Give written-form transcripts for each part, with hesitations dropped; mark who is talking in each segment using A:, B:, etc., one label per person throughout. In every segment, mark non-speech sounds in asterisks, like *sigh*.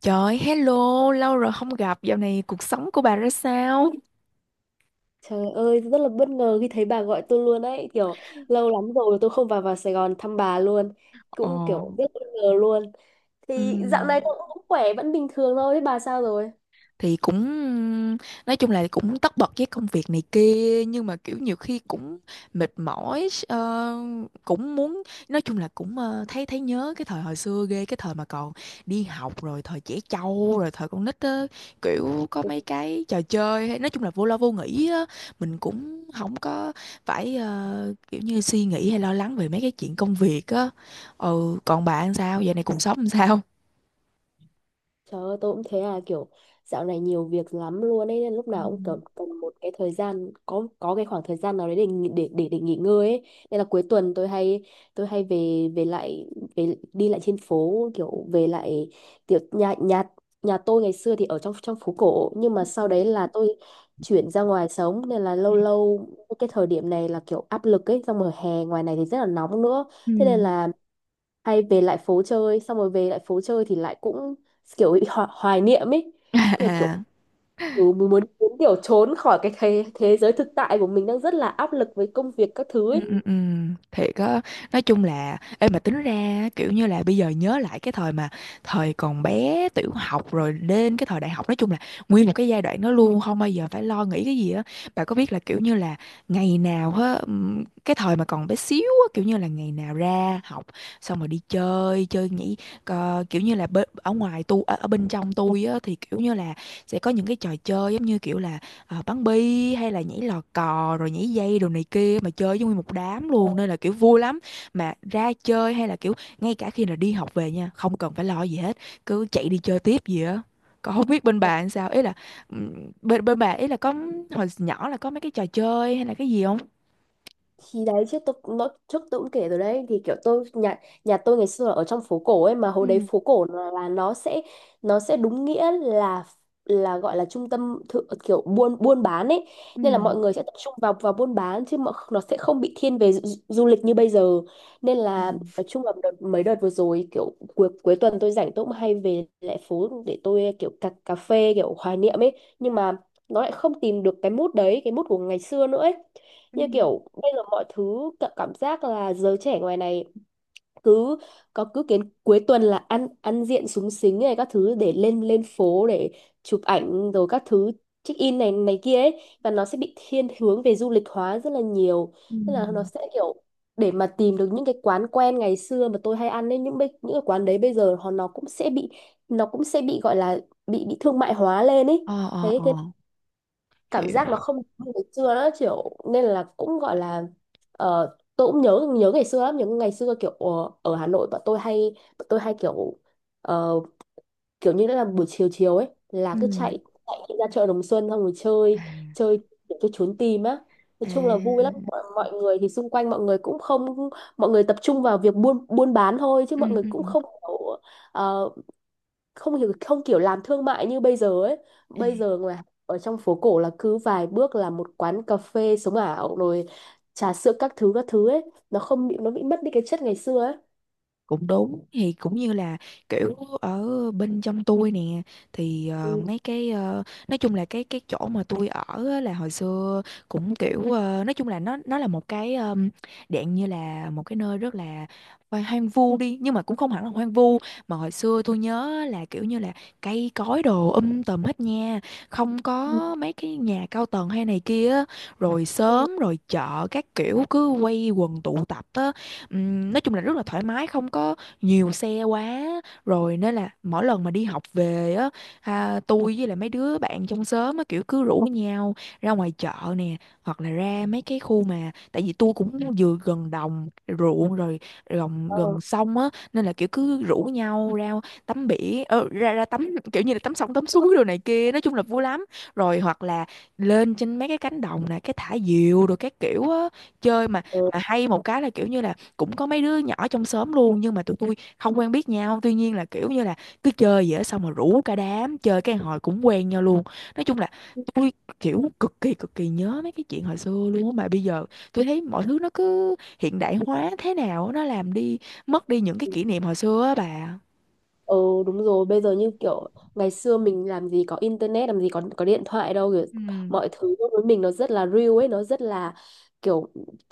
A: Trời, hello, lâu rồi không gặp, dạo này cuộc sống của bà ra sao?
B: Trời ơi, rất là bất ngờ khi thấy bà gọi tôi luôn ấy, kiểu lâu lắm rồi tôi không vào vào Sài Gòn thăm bà luôn.
A: Ồ,
B: Cũng kiểu rất bất ngờ luôn.
A: ừ.
B: Thì dạo này tôi cũng khỏe, vẫn bình thường thôi, thế bà sao rồi?
A: Thì cũng nói chung là cũng tất bật với công việc này kia nhưng mà kiểu nhiều khi cũng mệt mỏi, cũng muốn nói chung là cũng, thấy thấy nhớ cái thời hồi xưa ghê, cái thời mà còn đi học, rồi thời trẻ trâu, rồi thời con nít á, kiểu có mấy cái trò chơi hay, nói chung là vô lo vô nghĩ á. Mình cũng không có phải, kiểu như suy nghĩ hay lo lắng về mấy cái chuyện công việc á. Ừ, còn bạn sao giờ này cuộc sống làm sao?
B: Trời ơi, tôi cũng thế à, kiểu dạo này nhiều việc lắm luôn ấy, nên lúc
A: Ừ.
B: nào cũng cần, cần một cái thời gian, có cái khoảng thời gian nào đấy để để nghỉ ngơi ấy. Nên là cuối tuần tôi hay, tôi hay về về lại, về đi lại trên phố, kiểu về lại, kiểu nhà nhà nhà tôi ngày xưa thì ở trong trong phố cổ, nhưng mà sau đấy là tôi chuyển ra ngoài sống, nên là lâu lâu cái thời điểm này là kiểu áp lực ấy, xong rồi hè ngoài này thì rất là nóng nữa.
A: Ừ.
B: Thế nên là hay về lại phố chơi, xong rồi về lại phố chơi thì lại cũng kiểu bị ho hoài niệm ấy, kiểu kiểu
A: *laughs*
B: ừ, mình muốn muốn kiểu trốn khỏi cái thế giới thực tại của mình đang rất là áp lực với công việc các thứ
A: Ừ,
B: ấy.
A: ừ, ừ. Thiệt á, nói chung là em mà tính ra kiểu như là bây giờ nhớ lại cái thời mà thời còn bé tiểu học rồi đến cái thời đại học, nói chung là nguyên một cái giai đoạn nó luôn không bao giờ phải lo nghĩ cái gì á. Bà có biết là kiểu như là ngày nào á, cái thời mà còn bé xíu á, kiểu như là ngày nào ra học xong rồi đi chơi chơi nhảy kiểu như là ở ngoài ở bên trong tôi á thì kiểu như là sẽ có những cái trò chơi giống như kiểu là, bắn bi hay là nhảy lò cò rồi nhảy dây đồ này kia, mà chơi với nguyên một đám luôn nên là kiểu vui lắm. Mà ra chơi hay là kiểu ngay cả khi là đi học về nha, không cần phải lo gì hết, cứ chạy đi chơi tiếp gì á. Còn không biết bên bạn sao, ý là, bên bên bạn ý là có hồi nhỏ là có mấy cái trò chơi hay là cái gì không?
B: Thì đấy chứ tôi cũng- Nó trước tôi cũng kể rồi đấy, thì kiểu tôi nhà, nhà tôi ngày xưa là ở trong phố cổ ấy, mà hồi đấy
A: Ừ,
B: phố cổ là nó sẽ, nó sẽ đúng nghĩa là gọi là trung tâm thự, kiểu buôn buôn bán ấy,
A: ừ,
B: nên là mọi người sẽ tập trung vào vào buôn bán, chứ mà nó sẽ không bị thiên về du lịch như bây giờ. Nên
A: ừ,
B: là nói chung là đợt, mấy đợt vừa rồi, kiểu cuối cuối tuần tôi rảnh, tôi cũng hay về lại phố để tôi kiểu cà phê kiểu hoài niệm ấy, nhưng mà nó lại không tìm được cái mút đấy, cái mút của ngày xưa nữa ấy.
A: ừ,
B: Như kiểu bây giờ mọi thứ cảm giác là giới trẻ ngoài này cứ có cứ kiến cuối tuần là ăn ăn diện súng xính này các thứ để lên lên phố để chụp ảnh rồi các thứ, check in này này kia ấy, và nó sẽ bị thiên hướng về du lịch hóa rất là nhiều.
A: ừ,
B: Tức là nó sẽ kiểu, để mà tìm được những cái quán quen ngày xưa mà tôi hay ăn ấy, những cái quán đấy bây giờ họ nó cũng sẽ bị, nó cũng sẽ bị gọi là bị thương mại hóa lên ấy.
A: ờ, ờ,
B: Thế
A: ờ,
B: cảm
A: hiểu,
B: giác nó không như ngày xưa nữa, kiểu nên là cũng gọi là, tôi cũng nhớ nhớ ngày xưa lắm, nhớ ngày xưa, kiểu ở Hà Nội bọn tôi hay, bọn tôi hay kiểu ờ, kiểu như là buổi chiều chiều ấy là
A: ừ,
B: cứ
A: ừ,
B: chạy, chạy ra chợ Đồng Xuân xong rồi
A: à,
B: chơi, chơi kiểu cái trốn tìm á. Nói chung là vui lắm, mọi, mọi người thì xung quanh mọi người cũng không, mọi người tập trung vào việc buôn buôn bán thôi, chứ
A: ừ,
B: mọi người
A: ừ.
B: cũng không kiểu, ờ, không hiểu không kiểu làm thương mại như bây giờ ấy.
A: À.
B: Bây giờ mà ở trong phố cổ là cứ vài bước là một quán cà phê sống ảo rồi trà sữa các thứ ấy, nó không bị, nó bị mất đi cái chất ngày xưa ấy.
A: Cũng đúng, thì cũng như là kiểu ở bên trong tôi nè thì,
B: Ừ.
A: mấy cái, nói chung là cái chỗ mà tôi ở á, là hồi xưa cũng kiểu, nói chung là nó là một cái, dạng như là một cái nơi rất là hoang hoang vu đi nhưng mà cũng không hẳn là hoang vu, mà hồi xưa tôi nhớ là kiểu như là cây cối đồ tùm hết nha, không
B: Ừ.
A: có mấy cái nhà cao tầng hay này kia á. Rồi
B: Ừ.
A: sớm rồi chợ các kiểu cứ quây quần tụ tập á. Nói chung là rất là thoải mái, không có nhiều xe quá, rồi nên là mỗi lần mà đi học về á, à, tôi với lại mấy đứa bạn trong xóm á kiểu cứ rủ nhau ra ngoài chợ nè, hoặc là ra mấy cái khu, mà tại vì tôi cũng vừa gần đồng ruộng, rồi gần
B: Ờ,
A: gần sông á, nên là kiểu cứ rủ nhau ra tắm biển, ra ra tắm kiểu như là tắm sông tắm suối đồ này kia, nói chung là vui lắm. Rồi hoặc là lên trên mấy cái cánh đồng nè cái thả diều rồi các kiểu á, chơi mà.
B: ờ.
A: Mà hay một cái là kiểu như là cũng có mấy đứa nhỏ trong xóm luôn, nhưng mà tụi tôi không quen biết nhau, tuy nhiên là kiểu như là cứ chơi vậy á, xong rồi rủ cả đám chơi cái hồi cũng quen nhau luôn. Nói chung là tôi kiểu cực kỳ nhớ mấy cái chuyện hồi xưa luôn á, mà bây giờ tôi thấy mọi thứ nó cứ hiện đại hóa thế nào á, nó làm đi mất đi những cái kỷ niệm hồi xưa á bà.
B: Ừ, đúng rồi, bây giờ như kiểu ngày xưa mình làm gì có internet, làm gì có điện thoại đâu, kiểu
A: Ừ.
B: mọi thứ đối với mình nó rất là real ấy, nó rất là kiểu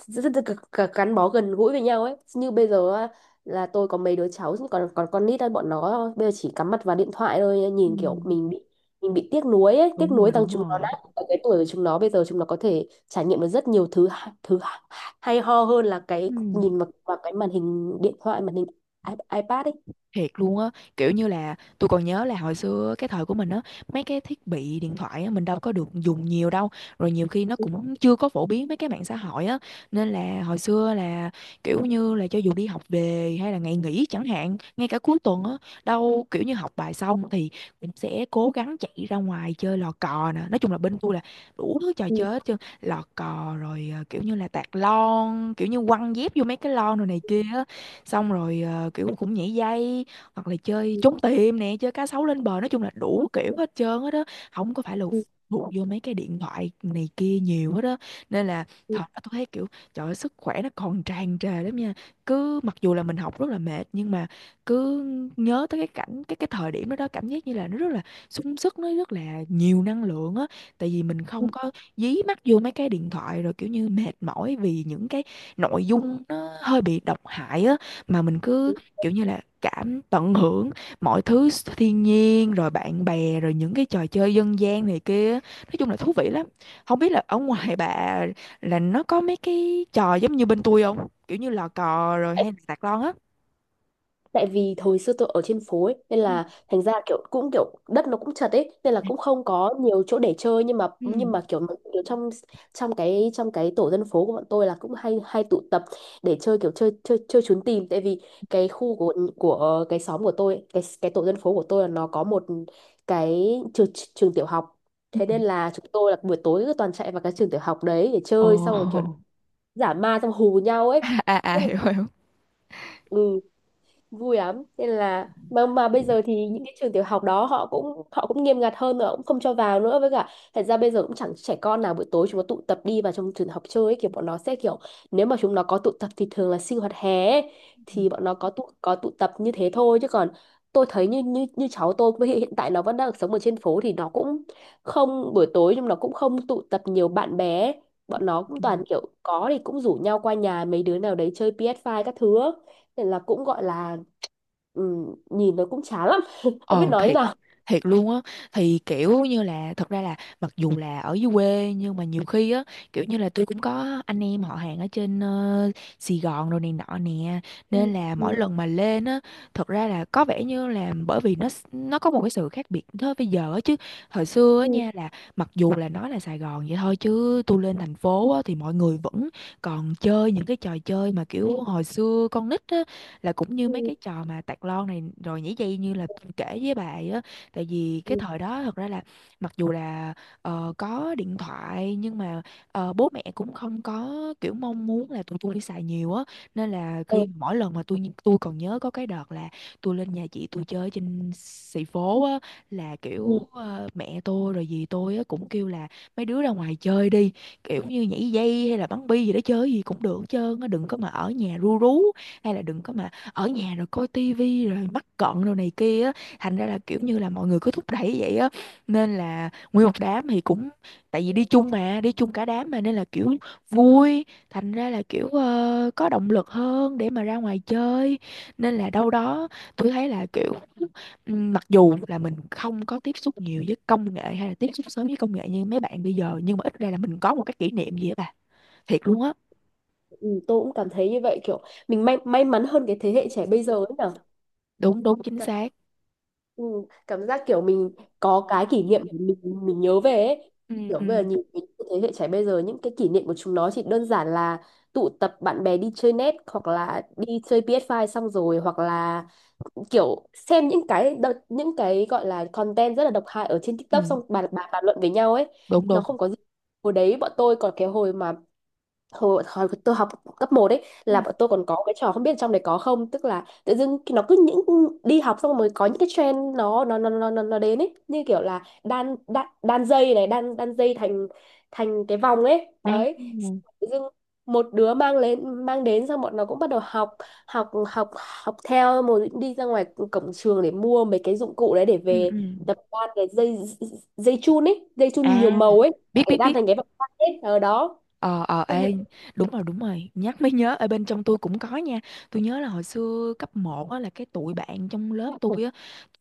B: rất, rất, rất gắn gắn bó gần gũi với nhau ấy. Như bây giờ á, là tôi có mấy đứa cháu còn còn con nít á, bọn nó bây giờ chỉ cắm mặt vào điện thoại thôi,
A: Ừ.
B: nhìn kiểu mình bị tiếc nuối ấy, tiếc
A: Đúng
B: nuối
A: rồi,
B: rằng
A: đúng
B: chúng nó
A: rồi.
B: đã, ở cái tuổi của chúng nó bây giờ chúng nó có thể trải nghiệm được rất nhiều thứ hay ho hơn là
A: Ừ,
B: cái nhìn vào cái màn hình điện thoại, màn hình iPad ấy.
A: thiệt luôn á, kiểu như là tôi còn nhớ là hồi xưa cái thời của mình á, mấy cái thiết bị điện thoại á mình đâu có được dùng nhiều đâu, rồi nhiều khi nó cũng chưa có phổ biến mấy cái mạng xã hội á, nên là hồi xưa là kiểu như là cho dù đi học về hay là ngày nghỉ chẳng hạn, ngay cả cuối tuần á, đâu kiểu như học bài xong thì cũng sẽ cố gắng chạy ra ngoài chơi lò cò nè, nói chung là bên tôi là đủ thứ trò
B: Ừ.
A: chơi hết trơn, lò cò rồi, kiểu như là tạt lon, kiểu như quăng dép vô mấy cái lon rồi này kia á, xong rồi, kiểu cũng nhảy dây hoặc là chơi trốn tìm nè, chơi cá sấu lên bờ, nói chung là đủ kiểu hết trơn hết á, không có phải là
B: Ừ,
A: phụ vô mấy cái điện thoại này kia nhiều hết á, nên là
B: ừ,
A: thật tôi thấy kiểu trời ơi, sức khỏe nó còn tràn trề lắm nha, cứ mặc dù là mình học rất là mệt nhưng mà cứ nhớ tới cái cảnh cái thời điểm đó đó, cảm giác như là nó rất là sung sức, nó rất là nhiều năng lượng á, tại vì mình
B: ừ,
A: không có dí mắt vô mấy cái điện thoại rồi kiểu như mệt mỏi vì những cái nội dung nó hơi bị độc hại á, mà mình cứ
B: ừ.
A: kiểu như là tận hưởng mọi thứ, thiên nhiên rồi bạn bè rồi những cái trò chơi dân gian này kia, nói chung là thú vị lắm. Không biết là ở ngoài bà là nó có mấy cái trò giống như bên tôi không, kiểu như lò cò rồi
B: Tại,
A: hay là sạc lon á?
B: tại vì thời xưa tôi ở trên phố ấy, nên là thành ra kiểu cũng kiểu đất nó cũng chật ấy, nên là cũng không có nhiều chỗ để chơi, nhưng mà
A: Ừ.
B: nhưng mà kiểu, kiểu trong trong cái tổ dân phố của bọn tôi là cũng hay hay tụ tập để chơi, kiểu chơi chơi chơi trốn tìm, tại vì cái khu của cái xóm của tôi ấy, cái tổ dân phố của tôi là nó có một cái trường, trường tiểu học.
A: Ừ.
B: Thế nên là chúng tôi là buổi tối cứ toàn chạy vào cái trường tiểu học đấy để chơi, xong rồi kiểu
A: Ồ.
B: giả ma xong hù nhau
A: *laughs*
B: ấy,
A: À, à, à,
B: rất là
A: hiểu hiểu.
B: ừ vui lắm. Nên là mà bây giờ thì những cái trường tiểu học đó họ cũng, họ cũng nghiêm ngặt hơn, nữa cũng không cho vào nữa, với cả thật ra bây giờ cũng chẳng trẻ con nào buổi tối chúng nó tụ tập đi vào trong trường học chơi ấy, kiểu bọn nó sẽ kiểu, nếu mà chúng nó có tụ tập thì thường là sinh hoạt hè ấy, thì bọn nó có tụ tập như thế thôi, chứ còn tôi thấy như như như cháu tôi với hiện hiện tại nó vẫn đang sống ở trên phố, thì nó cũng không buổi tối, nhưng nó cũng không tụ tập nhiều bạn bè ấy. Bọn nó cũng toàn kiểu có thì cũng rủ nhau qua nhà mấy đứa nào đấy chơi PS5 các thứ á. Nên là cũng gọi là ừ, nhìn nó cũng chán lắm *laughs* không biết
A: Ờ
B: nói như
A: thiệt,
B: nào.
A: thiệt luôn á, thì kiểu như là thật ra là mặc dù là ở dưới quê nhưng mà nhiều khi á kiểu như là tôi cũng có anh em họ hàng ở trên, Sài Gòn rồi này nọ nè,
B: Ừ,
A: nên là
B: ừ,
A: mỗi lần mà lên á, thật ra là có vẻ như là bởi vì nó có một cái sự khác biệt thôi bây giờ á, chứ hồi xưa á
B: ừ,
A: nha là mặc dù là nói là Sài Gòn vậy thôi, chứ tôi lên thành phố á thì mọi người vẫn còn chơi những cái trò chơi mà kiểu hồi xưa con nít á, là cũng như mấy
B: ừ,
A: cái trò mà tạt lon này rồi nhảy dây như là tôi kể với bà ấy á, tại vì cái
B: ừ,
A: thời đó thật ra là mặc dù là, có điện thoại nhưng mà, bố mẹ cũng không có kiểu mong muốn là tụi tôi đi xài nhiều á, nên là
B: ờ,
A: khi mỗi lần mà tôi còn nhớ có cái đợt là tôi lên nhà chị tôi chơi trên xì phố á, là kiểu,
B: ừ,
A: mẹ tôi rồi dì tôi á cũng kêu là mấy đứa ra ngoài chơi đi, kiểu như nhảy dây hay là bắn bi gì đó, chơi gì cũng được hết trơn á, đừng có mà ở nhà ru rú, hay là đừng có mà ở nhà rồi coi tivi rồi mắc cận rồi này kia á, thành ra là kiểu như là mọi người cứ thúc đẩy vậy á, nên là nguyên một đám thì cũng, tại vì đi chung mà, đi chung cả đám mà nên là kiểu vui, thành ra là kiểu, có động lực hơn để mà ra ngoài chơi, nên là đâu đó tôi thấy là kiểu, mặc dù là mình không có tiếp xúc nhiều với công nghệ hay là tiếp xúc sớm với công nghệ như mấy bạn bây giờ, nhưng mà ít ra là mình có một cái kỷ niệm gì á bà, thiệt luôn á.
B: ừ, tôi cũng cảm thấy như vậy, kiểu mình may mắn hơn cái
A: Cái
B: thế
A: thế
B: hệ
A: hệ
B: trẻ
A: trẻ
B: bây giờ
A: bây
B: ấy
A: giờ cũng
B: nhỉ.
A: cảm, đúng đúng, chính
B: Cảm-
A: xác,
B: Ừ, cảm giác kiểu mình có
A: có
B: cái
A: cái
B: kỷ
A: kỷ
B: niệm
A: niệm,
B: để mình nhớ
A: nhớ
B: về
A: về,
B: ấy.
A: ừ,
B: Thì kiểu bây giờ
A: ừ,
B: nhìn cái thế hệ trẻ bây giờ, những cái kỷ niệm của chúng nó chỉ đơn giản là tụ tập bạn bè đi chơi net, hoặc là đi chơi PS5 xong rồi, hoặc là kiểu xem những cái đợt, những cái gọi là content rất là độc hại ở trên
A: ừ,
B: TikTok xong bàn bàn bàn luận với nhau ấy.
A: đúng
B: Nó
A: đúng,
B: không có gì. Hồi đấy bọn tôi còn cái hồi mà hồi tôi học cấp 1 ấy,
A: ừ,
B: là bọn tôi còn có cái trò, không biết trong đấy có không, tức là tự dưng nó cứ những đi học xong rồi có những cái trend nó đến ấy, như kiểu là đan đan, đan dây này, đan đan dây thành thành cái vòng ấy đấy.
A: à,
B: Tự dưng một đứa mang lên mang đến, xong bọn nó cũng bắt đầu học, học học theo, một đi ra ngoài cổng trường để mua mấy cái dụng cụ đấy để
A: ừ,
B: về
A: ừ,
B: tập đan cái dây, dây chun ấy, dây chun nhiều
A: à,
B: màu ấy,
A: biết
B: để
A: biết
B: đan
A: biết.
B: thành cái vòng quanh ấy ở đó.
A: Ờ, ờ,
B: Tôi nhớ.
A: ê, đúng rồi, nhắc mới nhớ, ở bên trong tôi cũng có nha, tôi nhớ là hồi xưa cấp một á, là cái tụi bạn trong lớp tôi á,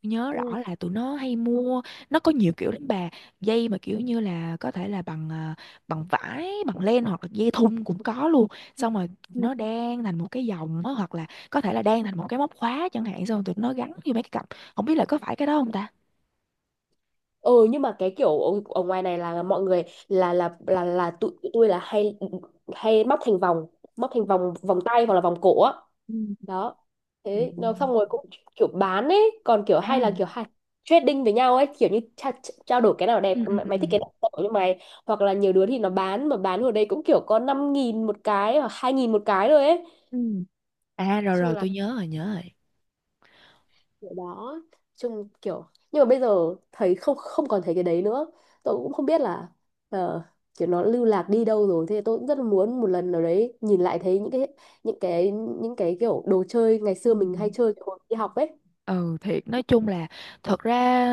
A: tôi nhớ rõ
B: Ừ.
A: là tụi nó hay mua, nó có nhiều kiểu lắm bà, dây mà kiểu như là có thể là bằng à, bằng vải, bằng len hoặc là dây thun cũng có luôn, xong rồi tụi nó đan thành một cái vòng á, hoặc là có thể là đan thành một cái móc khóa chẳng hạn, xong rồi tụi nó gắn vô mấy cái cặp, không biết là có phải cái đó không ta?
B: Ừ, nhưng mà cái kiểu ở, ở ngoài này là mọi người là tụi tụi tôi là hay, hay móc thành vòng, móc thành vòng, vòng tay hoặc là vòng cổ á, đó. Thế nó xong rồi cũng kiểu bán ấy, còn kiểu hay là kiểu hay trading với nhau ấy, kiểu như trao đổi, cái nào đẹp
A: Ừ, ừ,
B: mày,
A: ừ,
B: mày thích cái
A: ừ.
B: nào tao cho mày, hoặc là nhiều đứa thì nó bán, mà bán ở đây cũng kiểu có 5.000 một cái, hoặc 2.000 một cái rồi ấy. Nói
A: Ừ. À, rồi
B: chung
A: rồi,
B: là
A: tôi nhớ rồi, nhớ rồi.
B: kiểu đó, chung kiểu, nhưng mà bây giờ thấy không, không còn thấy cái đấy nữa. Tôi cũng không biết là ờ, kiểu nó lưu lạc đi đâu rồi. Thế tôi cũng rất là muốn một lần nào đấy nhìn lại thấy những cái, những cái những cái kiểu đồ chơi ngày
A: Ừ.
B: xưa mình hay chơi hồi đi học ấy.
A: Ừ, thiệt nói chung là, thật ra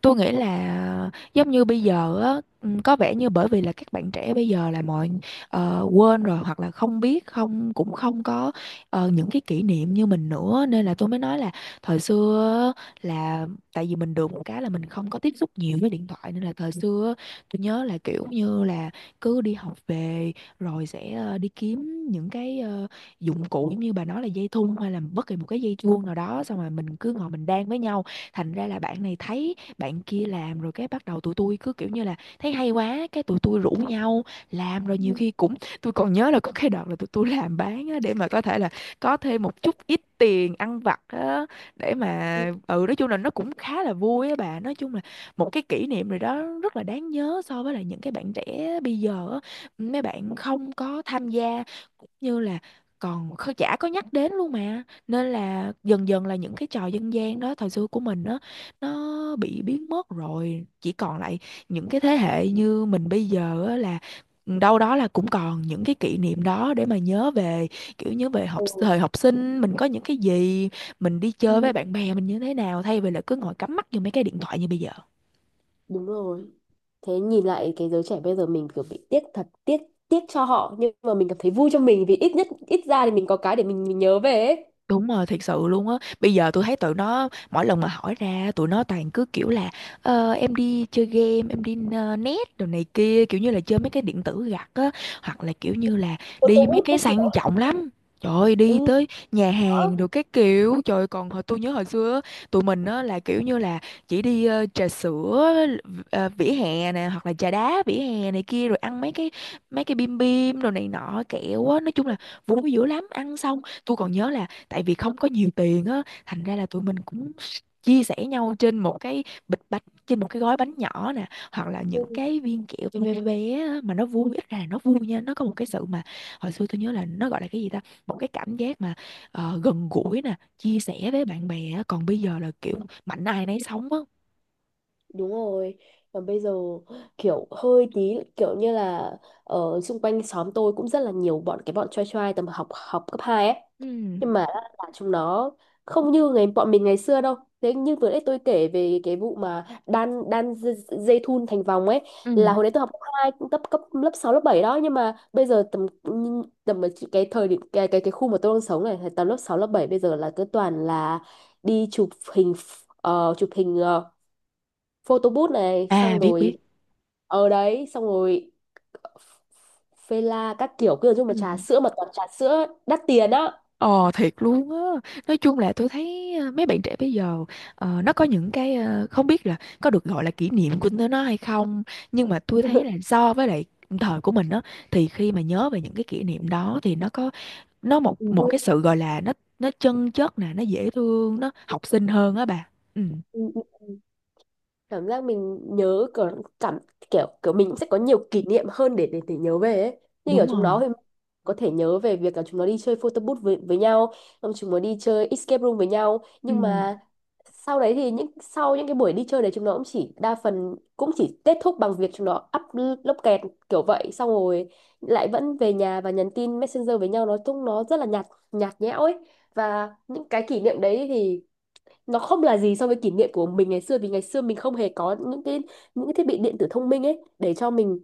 A: tôi nghĩ là giống như bây giờ á, có vẻ như bởi vì là các bạn trẻ bây giờ là mọi quên rồi, hoặc là không biết, không cũng không có những cái kỷ niệm như mình nữa, nên là tôi mới nói là thời xưa á, là tại vì mình được một cái là mình không có tiếp xúc nhiều với điện thoại, nên là thời xưa á, tôi nhớ là kiểu như là cứ đi học về rồi sẽ đi kiếm những cái dụng cụ giống như bà nói, là dây thun hay là bất kỳ một cái dây chuông nào đó, xong rồi mình cứ ngồi mình đan với nhau. Thành ra là bạn này thấy bạn kia làm, rồi cái bắt đầu tụi tôi cứ kiểu như là thấy hay quá, cái tụi tôi rủ nhau làm. Rồi
B: Ừ,
A: nhiều khi cũng *laughs* tôi còn nhớ là có cái đợt là tụi tôi làm bán á, để mà có thể là có thêm một chút ít tiền ăn vặt á, để mà
B: ừ.
A: ừ nói chung là nó cũng khá là vui á bà, nói chung là một cái kỷ niệm rồi đó, rất là đáng nhớ. So với là những cái bạn trẻ bây giờ á, mấy bạn không có tham gia, cũng như là còn không, chả có nhắc đến luôn mà, nên là dần dần là những cái trò dân gian đó thời xưa của mình đó nó bị biến mất rồi, chỉ còn lại những cái thế hệ như mình bây giờ á, là đâu đó là cũng còn những cái kỷ niệm đó để mà nhớ về. Kiểu nhớ về học,
B: Ừ,
A: thời học sinh mình có những cái gì, mình đi chơi
B: ừ.
A: với bạn bè mình như thế nào, thay vì là cứ ngồi cắm mắt vô mấy cái điện thoại như bây giờ.
B: Đúng rồi, thế nhìn lại cái giới trẻ bây giờ mình kiểu bị tiếc, thật tiếc tiếc cho họ, nhưng mà mình cảm thấy vui cho mình, vì ít nhất ít ra thì mình có cái để mình nhớ về ấy.
A: Đúng rồi, thiệt sự luôn á. Bây giờ tôi thấy tụi nó mỗi lần mà hỏi ra tụi nó toàn cứ kiểu là em đi chơi game, em đi net đồ này kia, kiểu như là chơi mấy cái điện tử gặt á, hoặc là kiểu như là
B: Cô Tô
A: đi mấy
B: Út
A: cái
B: các kiểu
A: sang trọng lắm. Trời ơi, đi
B: ừ
A: tới nhà hàng đồ cái kiểu. Trời ơi, còn hồi tôi nhớ hồi xưa á, tụi mình á là kiểu như là chỉ đi trà sữa vỉa hè nè, hoặc là trà đá vỉa hè này kia, rồi ăn mấy cái bim bim đồ này nọ, kẹo á, nói chung là vui dữ lắm. Ăn xong tôi còn nhớ là tại vì không có nhiều tiền á, thành ra là tụi mình cũng chia sẻ nhau trên một cái bịch bánh, trên một cái gói bánh nhỏ nè, hoặc là những
B: đó.
A: cái viên kẹo bé bé bé á, mà nó vui, ít ra là nó vui nha, nó có một cái sự mà hồi xưa tôi nhớ là nó gọi là cái gì ta, một cái cảm giác mà gần gũi nè, chia sẻ với bạn bè á. Còn bây giờ là kiểu mạnh ai nấy sống á.
B: Đúng rồi, và bây giờ kiểu hơi tí kiểu như là, ở xung quanh xóm tôi cũng rất là nhiều bọn, cái bọn trai trai tầm học học cấp 2 ấy. Nhưng
A: Ừ.
B: mà là chúng nó không như ngày bọn mình ngày xưa đâu. Thế như vừa nãy tôi kể về cái vụ mà đan đan dây, dây thun thành vòng ấy, là
A: Ừ.
B: hồi đấy tôi học cấp 2 cũng cấp cấp lớp 6 lớp 7 đó, nhưng mà bây giờ tầm, ở cái thời điểm cái khu mà tôi đang sống này tầm lớp 6 lớp 7 bây giờ là cứ toàn là đi chụp hình, ờ, chụp hình ờ, Photo booth này
A: À,
B: xong
A: biết
B: rồi,
A: biết.
B: ở đấy xong rồi phê la các kiểu, kiểu chung
A: Ừ.
B: mà trà sữa mà toàn trà sữa đắt tiền á.
A: Ờ, thiệt luôn á. Nói chung là tôi thấy mấy bạn trẻ bây giờ, nó có những cái, không biết là có được gọi là kỷ niệm của nó hay không, nhưng mà tôi thấy là
B: *laughs*
A: so với lại thời của mình á, thì khi mà nhớ về những cái kỷ niệm đó thì nó có, nó một một cái sự gọi là nó chân chất nè, nó dễ thương, nó học sinh hơn á bà. Ừ.
B: Ừ, vui, cảm giác mình nhớ kiểu cảm, kiểu kiểu mình cũng sẽ có nhiều kỷ niệm hơn để để nhớ về ấy. Như
A: Đúng
B: kiểu chúng nó
A: rồi.
B: thì có thể nhớ về việc là chúng nó đi chơi photo booth với nhau, xong chúng nó đi chơi escape room với nhau,
A: Ừ.
B: nhưng mà sau đấy thì những, sau những cái buổi đi chơi đấy chúng nó cũng chỉ đa phần cũng chỉ kết thúc bằng việc chúng nó up lốc kẹt kiểu vậy, xong rồi lại vẫn về nhà và nhắn tin Messenger với nhau. Nói chung nó rất là nhạt, nhạt nhẽo ấy, và những cái kỷ niệm đấy thì nó không là gì so với kỷ niệm của mình ngày xưa, vì ngày xưa mình không hề có những cái, những cái thiết bị điện tử thông minh ấy để cho mình,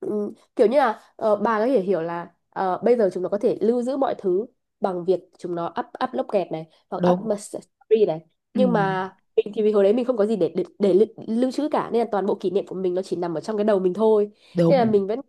B: ừ, kiểu như là bà có thể hiểu là bây giờ chúng nó có thể lưu giữ mọi thứ bằng việc chúng nó up up log kẹt này hoặc up
A: Đúng.
B: mà story này,
A: Ừ,
B: nhưng mà mình thì vì hồi đấy mình không có gì để để lưu trữ cả, nên là toàn bộ kỷ niệm của mình nó chỉ nằm ở trong cái đầu mình thôi, nên là
A: đúng.
B: mình vẫn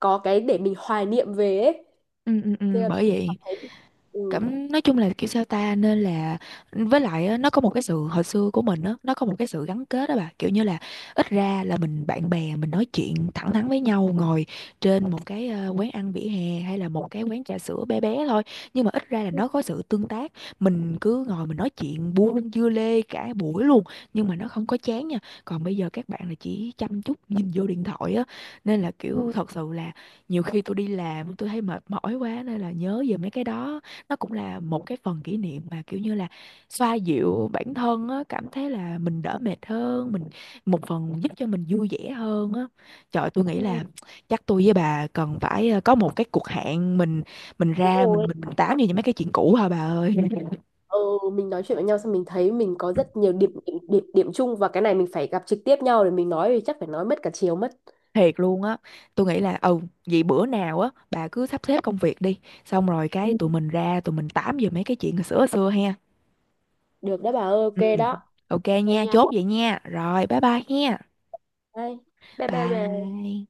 B: có cái để mình hoài niệm về ấy.
A: Ừ, ừ, ừ,
B: Thế là
A: bởi
B: cảm
A: vậy.
B: thấy ừ,
A: Cảm, nói chung là kiểu sao ta, nên là với lại á, nó có một cái sự hồi xưa của mình á, nó có một cái sự gắn kết đó bà, kiểu như là ít ra là mình, bạn bè mình nói chuyện thẳng thắn với nhau, ngồi trên một cái quán ăn vỉa hè, hay là một cái quán trà sữa bé bé thôi, nhưng mà ít ra là
B: ừ,
A: nó có sự tương tác. Mình cứ ngồi mình nói chuyện buôn dưa lê cả buổi luôn, nhưng mà nó không có chán nha. Còn bây giờ các bạn là chỉ chăm chút nhìn vô điện thoại á, nên là kiểu
B: ừ,
A: thật sự là nhiều khi tôi đi làm tôi thấy mệt mỏi quá, nên là nhớ về mấy cái đó, nó cũng là một cái phần kỷ niệm mà kiểu như là xoa dịu bản thân á, cảm thấy là mình đỡ mệt hơn, mình một phần giúp cho mình vui vẻ hơn á. Trời, tôi nghĩ
B: ừ,
A: là chắc tôi với bà cần phải có một cái cuộc hẹn, mình
B: đúng
A: ra
B: rồi.
A: mình tám về những mấy cái chuyện cũ hả bà ơi. *laughs*
B: Ừ, mình nói chuyện với nhau xong mình thấy mình có rất nhiều điểm chung, và cái này mình phải gặp trực tiếp nhau để mình nói thì chắc phải nói mất cả chiều mất.
A: Thiệt luôn á, tôi nghĩ là ừ vậy bữa nào á bà cứ sắp xếp công việc đi, xong rồi cái
B: Ừ.
A: tụi mình ra tụi mình tám về mấy cái chuyện hồi xưa ha.
B: Được đó bà ơi, ok
A: Ừ.
B: đó,
A: Ok
B: ok
A: nha,
B: nha.
A: chốt vậy nha. Rồi, bye bye nha.
B: Đây. Bye bye bà.
A: Bye.